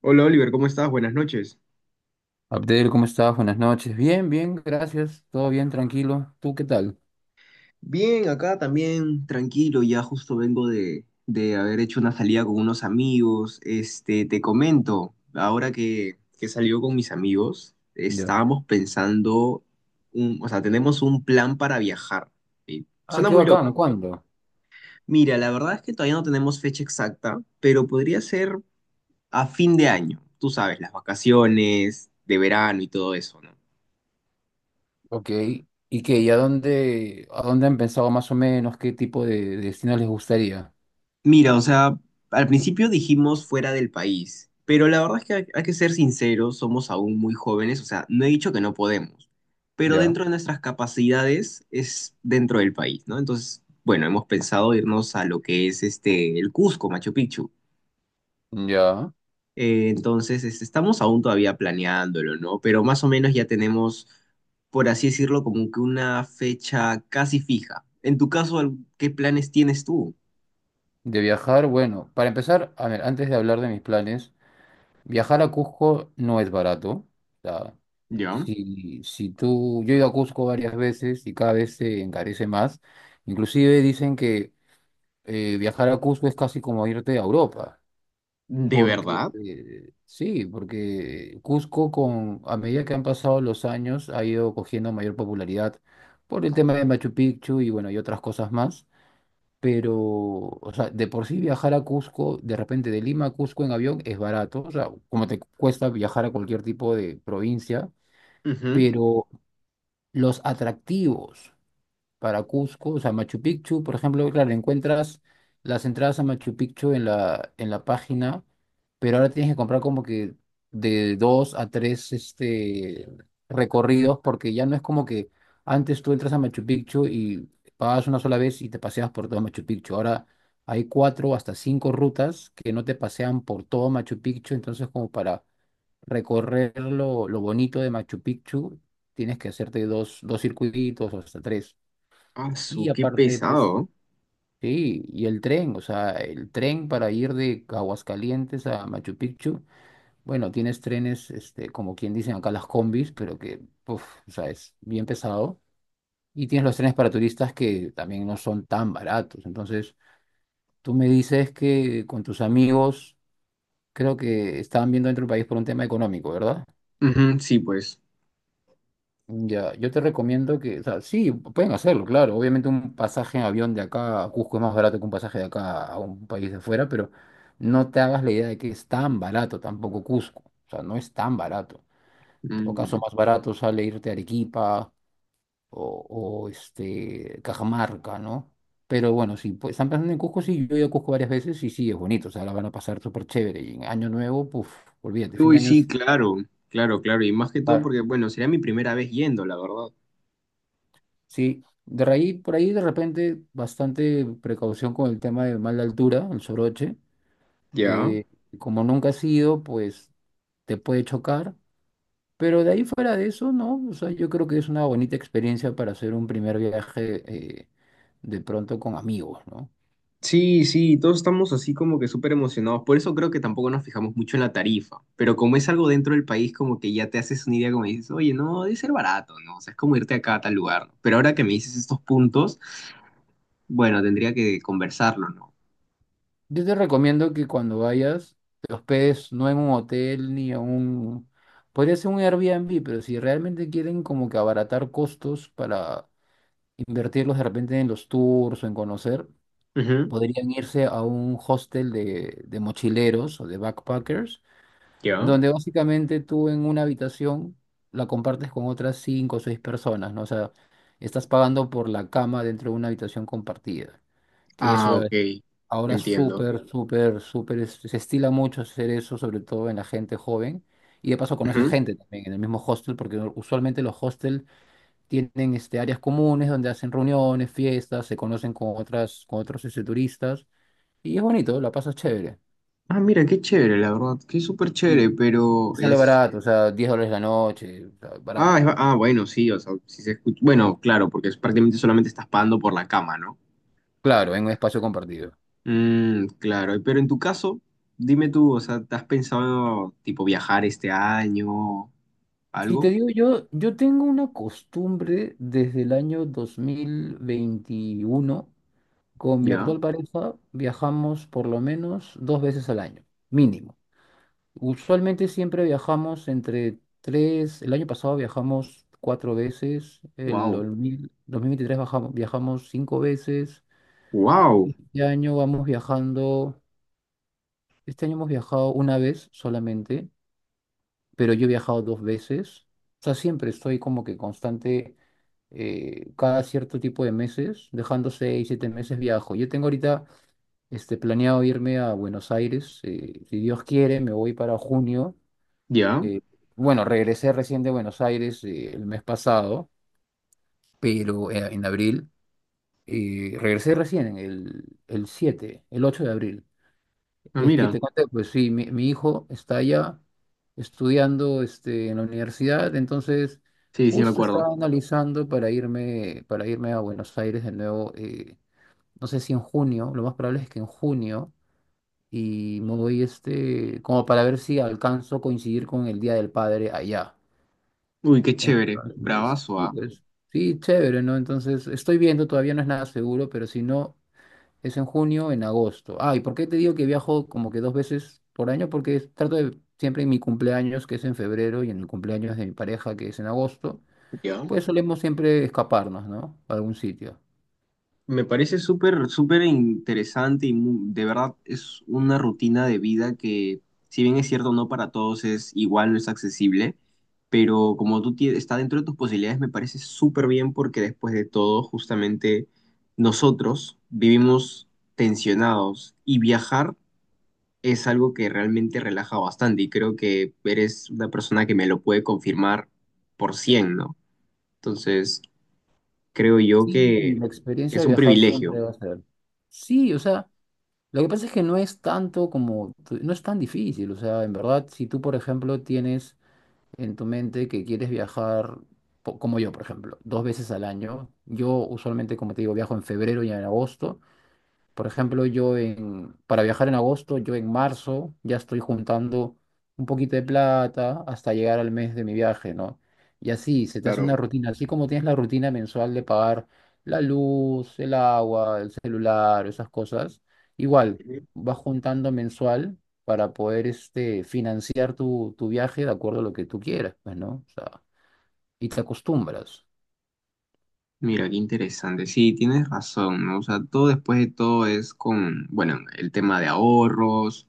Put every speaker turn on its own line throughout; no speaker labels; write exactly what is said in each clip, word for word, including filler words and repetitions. Hola Oliver, ¿cómo estás? Buenas noches.
Abdel, ¿cómo estás? Buenas noches. Bien, bien, gracias. Todo bien, tranquilo. ¿Tú qué tal?
Bien, acá también tranquilo, ya justo vengo de, de haber hecho una salida con unos amigos. Este, te comento, ahora que, que salió con mis amigos,
Ya.
estábamos pensando, un- o sea, tenemos un plan para viajar. ¿Sí?
Ah,
Suena
qué
muy
bacano.
loco.
¿Cuándo?
Mira, la verdad es que todavía no tenemos fecha exacta, pero podría ser a fin de año, tú sabes, las vacaciones de verano y todo eso, ¿no?
Ok. ¿Y qué? ¿Y a dónde, a dónde han pensado más o menos qué tipo de, de destino les gustaría?
Mira, o sea, al principio dijimos fuera del país, pero la verdad es que hay, hay que ser sinceros, somos aún muy jóvenes, o sea, no he dicho que no podemos, pero
Ya.
dentro de nuestras capacidades es dentro del país, ¿no? Entonces, bueno, hemos pensado irnos a lo que es este, el Cusco, Machu Picchu.
Ya.
Eh, entonces, este, estamos aún todavía planeándolo, ¿no? Pero más o menos ya tenemos, por así decirlo, como que una fecha casi fija. En tu caso, ¿al- ¿qué planes tienes tú?
De viajar, bueno, para empezar, a ver, antes de hablar de mis planes, viajar a Cusco no es barato. O sea,
¿Ya?
si, si tú, yo he ido a Cusco varias veces y cada vez se encarece más. Inclusive dicen que eh, viajar a Cusco es casi como irte a Europa.
¿De
Porque,
verdad?
eh, sí, porque Cusco con, a medida que han pasado los años ha ido cogiendo mayor popularidad por el tema de Machu Picchu y bueno, y otras cosas más. Pero, o sea, de por sí viajar a Cusco, de repente de Lima a Cusco en avión es barato, o sea, como te cuesta viajar a cualquier tipo de provincia, pero los atractivos para Cusco, o sea, Machu Picchu, por ejemplo, claro, encuentras las entradas a Machu Picchu en la, en la página, pero ahora tienes que comprar como que de dos a tres este, recorridos, porque ya no es como que antes tú entras a Machu Picchu y pagas una sola vez y te paseas por todo Machu Picchu. Ahora hay cuatro hasta cinco rutas que no te pasean por todo Machu Picchu, entonces como para recorrer lo, lo bonito de Machu Picchu, tienes que hacerte dos, dos circuitos o hasta tres.
Asu,
Y
qué
aparte, pues,
pesado.
sí, y el tren, o sea, el tren para ir de Aguascalientes a Machu Picchu, bueno, tienes trenes, este, como quien dicen acá las combis, pero que, uf, o sea, es bien pesado. Y tienes los trenes para turistas que también no son tan baratos. Entonces, tú me dices que con tus amigos, creo que estaban viendo dentro del país por un tema económico, ¿verdad?
Ujú, sí, pues.
Ya, yo te recomiendo que, o sea, sí, pueden hacerlo, claro. Obviamente un pasaje en avión de acá a Cusco es más barato que un pasaje de acá a un país de afuera, pero no te hagas la idea de que es tan barato tampoco Cusco. O sea, no es tan barato. En todo caso,
Mm.
más barato sale irte a Arequipa o, o, este, Cajamarca, ¿no? Pero bueno, si pues, están pensando en Cusco, sí, yo he ido a Cusco varias veces y sí, es bonito. O sea, la van a pasar súper chévere. Y en Año Nuevo, puf, olvídate, fin de
Uy,
año
sí,
es...
claro, claro, claro. Y más que todo
Claro.
porque, bueno, sería mi primera vez yendo, la verdad.
Sí, de ahí, por ahí de repente bastante precaución con el tema de mala altura, el soroche.
Ya.
Eh, como nunca has ido, pues te puede chocar. Pero de ahí fuera de eso, no. O sea, yo creo que es una bonita experiencia para hacer un primer viaje eh, de pronto con amigos, ¿no?
Sí, sí, todos estamos así como que súper emocionados. Por eso creo que tampoco nos fijamos mucho en la tarifa. Pero como es algo dentro del país, como que ya te haces una idea, como dices, oye, no, debe ser barato, ¿no? O sea, es como irte acá a tal lugar, ¿no? Pero ahora que me dices estos puntos, bueno, tendría que conversarlo, ¿no?
Yo te recomiendo que cuando vayas, te hospedes no en un hotel ni en un... Podría ser un Airbnb, pero si realmente quieren como que abaratar costos para invertirlos de repente en los tours o en conocer,
Ujú.
podrían irse a un hostel de, de mochileros o de backpackers,
Ya.
donde básicamente tú en una habitación la compartes con otras cinco o seis personas, ¿no? O sea, estás pagando por la cama dentro de una habitación compartida, que
Ah,
eso
ok.
es ahora
Entiendo.
súper, súper, súper, es- se estila mucho hacer eso, sobre todo en la gente joven. Y de paso conoces
Ujú.
gente también en el mismo hostel, porque usualmente los hostels tienen este, áreas comunes donde hacen reuniones, fiestas, se conocen con otras, con otros este, turistas y es bonito, la pasas chévere.
Ah, mira, qué chévere, la verdad, qué súper chévere,
Y
pero
sale
es.
barato, o sea, diez dólares la noche, o sea, barato.
Ah, es- ah, bueno, sí, o sea, si se escucha. Bueno, claro, porque es prácticamente solamente estás pagando por la cama, ¿no?
Claro, en un espacio compartido.
Mm, claro, pero en tu caso, dime tú, o sea, ¿te has pensado tipo viajar este año,
Si te
algo?
digo yo, yo tengo una costumbre desde el año dos mil veintiuno con mi
¿Ya?
actual pareja viajamos por lo menos dos veces al año, mínimo. Usualmente siempre viajamos entre tres, el año pasado viajamos cuatro veces, el
Wow.
2000 dos mil veintitrés bajamos- viajamos cinco veces,
Wow.
este año vamos viajando, este año hemos viajado una vez solamente, pero yo he viajado dos veces, o sea, siempre estoy como que constante, eh, cada cierto tipo de meses, dejando seis, siete meses viajo. Yo tengo ahorita este, planeado irme a Buenos Aires, eh, si Dios quiere, me voy para junio.
¿Ya?
Eh, bueno, regresé recién de Buenos Aires eh, el mes pasado, pero eh, en abril. Eh, regresé recién, en el, el siete, el ocho de abril.
Ah,
Es que
mira,
te conté, pues sí, mi, mi hijo está allá estudiando este, en la universidad, entonces
sí, sí me
justo
acuerdo.
estaba analizando para irme, para irme, a Buenos Aires de nuevo, eh, no sé si en junio, lo más probable es que en junio, y me voy este, como para ver si alcanzo a coincidir con el Día del Padre allá.
Uy, qué chévere,
Entonces,
bravazo,
sí,
¿ah?
pues, sí, chévere, ¿no? Entonces, estoy viendo, todavía no es nada seguro, pero si no, es en junio, o en agosto. Ah, ¿y por qué te digo que viajo como que dos veces por año? Porque es- trato de, siempre en mi cumpleaños, que es en febrero, y en el cumpleaños de mi pareja, que es en agosto,
¿Ya?
pues solemos siempre escaparnos, ¿no? A algún sitio.
Me parece súper, súper interesante y mu- de verdad es una rutina de vida que, si bien es cierto, no para todos es igual, no es accesible, pero como tú tie- está dentro de tus posibilidades, me parece súper bien porque después de todo, justamente nosotros vivimos tensionados y viajar es algo que realmente relaja bastante y creo que eres una persona que me lo puede confirmar por cien, ¿no? Entonces, creo yo
Sí,
que
la
que
experiencia
es
de
un
viajar siempre
privilegio.
va a ser. Sí, o sea, lo que pasa es que no es tanto como, tu- no es tan difícil, o sea, en verdad, si tú, por ejemplo, tienes en tu mente que quieres viajar, po- como yo, por ejemplo, dos veces al año. Yo usualmente, como te digo, viajo en febrero y en agosto. Por ejemplo, yo en, para viajar en agosto, yo en marzo ya estoy juntando un poquito de plata hasta llegar al mes de mi viaje, ¿no? Y así, se te hace
Claro,
una rutina, así como tienes la rutina mensual de pagar la luz, el agua, el celular, esas cosas, igual vas juntando mensual para poder este, financiar tu, tu viaje de acuerdo a lo que tú quieras, pues, ¿no? O sea, y te acostumbras.
mira, qué interesante. Sí, tienes razón, ¿no? O sea, todo después de todo es con, bueno, el tema de ahorros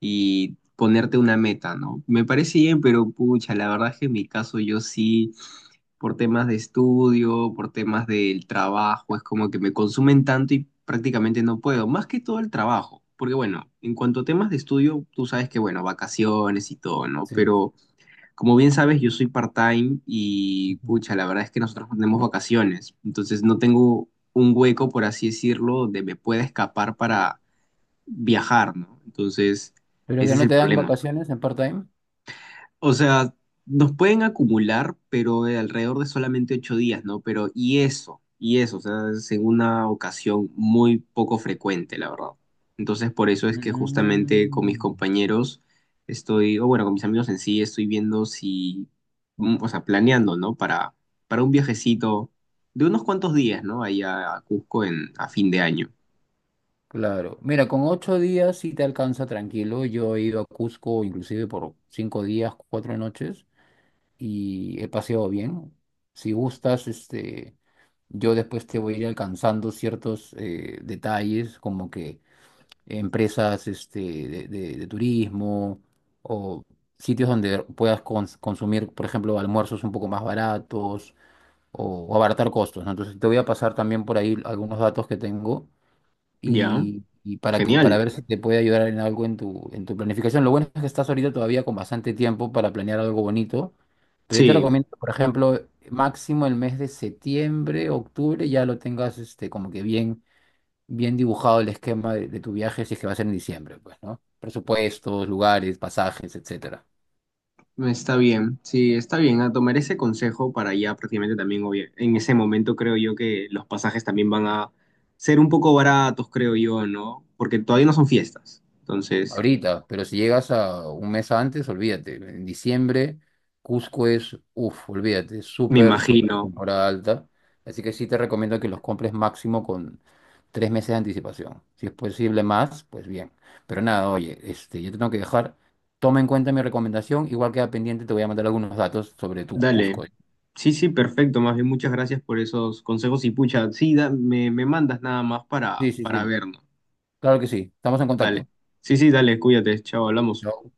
y ponerte una meta, ¿no? Me parece bien, pero pucha, la verdad es que en mi caso yo sí, por temas de estudio, por temas del trabajo, es como que me consumen tanto y prácticamente no puedo, más que todo el trabajo, porque bueno, en cuanto a temas de estudio, tú sabes que, bueno, vacaciones y todo, ¿no?
Sí.
Pero. Como bien sabes, yo soy part-time y
Ujú.
pucha, la verdad es que nosotros no tenemos vacaciones, entonces no tengo un hueco, por así decirlo, donde me pueda escapar para viajar, ¿no? Entonces,
Pero que
ese es
no
el
te dan
problema.
vacaciones en part-time.
O sea, nos pueden acumular, pero de alrededor de solamente ocho días, ¿no? Pero y eso, y eso, o sea, es en una ocasión muy poco frecuente, la verdad. Entonces, por eso es que justamente con mis
Mm.
compañeros estoy, o bueno, con mis amigos en sí, estoy viendo si, mm, o sea, planeando, ¿no? Para, para un viajecito de unos cuantos días, ¿no? Ahí a, a Cusco en, a fin de año.
Claro, mira, con ocho días sí te alcanza tranquilo. Yo he ido a Cusco inclusive por cinco días, cuatro noches y he paseado bien. Si gustas, este, yo después te voy a ir alcanzando ciertos eh, detalles como que empresas este, de, de- de turismo o sitios donde puedas cons- consumir, por ejemplo, almuerzos un poco más baratos o, o abaratar costos, ¿no? Entonces te voy a pasar también por ahí algunos datos que tengo
Ya,
y, y para que, para
genial.
ver si te puede ayudar en algo en tu, en tu planificación. Lo bueno es que estás ahorita todavía con bastante tiempo para planear algo bonito, pero yo te
Sí,
recomiendo, por ejemplo, máximo el mes de septiembre, octubre, ya lo tengas este, como que bien, bien dibujado el esquema de, de tu viaje, si es que va a ser en diciembre, pues, ¿no? Presupuestos, lugares, pasajes, etcétera.
está bien, sí, está bien. A tomar ese consejo para ya prácticamente también, obvia- en ese momento creo yo que los pasajes también van a ser un poco baratos, creo yo, ¿no? Porque todavía no son fiestas. Entonces,
Ahorita, pero si llegas a un mes antes, olvídate. En diciembre, Cusco es, uff, olvídate,
me
súper, súper
imagino.
temporada alta. Así que sí te recomiendo que los compres máximo con tres meses de anticipación. Si es posible más, pues bien. Pero nada, oye, este, yo te tengo que dejar. Toma en cuenta mi recomendación. Igual queda pendiente, te voy a mandar algunos datos sobre tu
Dale.
Cusco. ¿Eh?
Sí, sí, perfecto. Más bien, muchas gracias por esos consejos y pucha, sí, da- me, me mandas nada más
Sí,
para,
sí,
para
sí.
vernos.
Claro que sí. Estamos en
Dale.
contacto.
Sí, sí, dale, cuídate. Chao, hablamos.
Chao.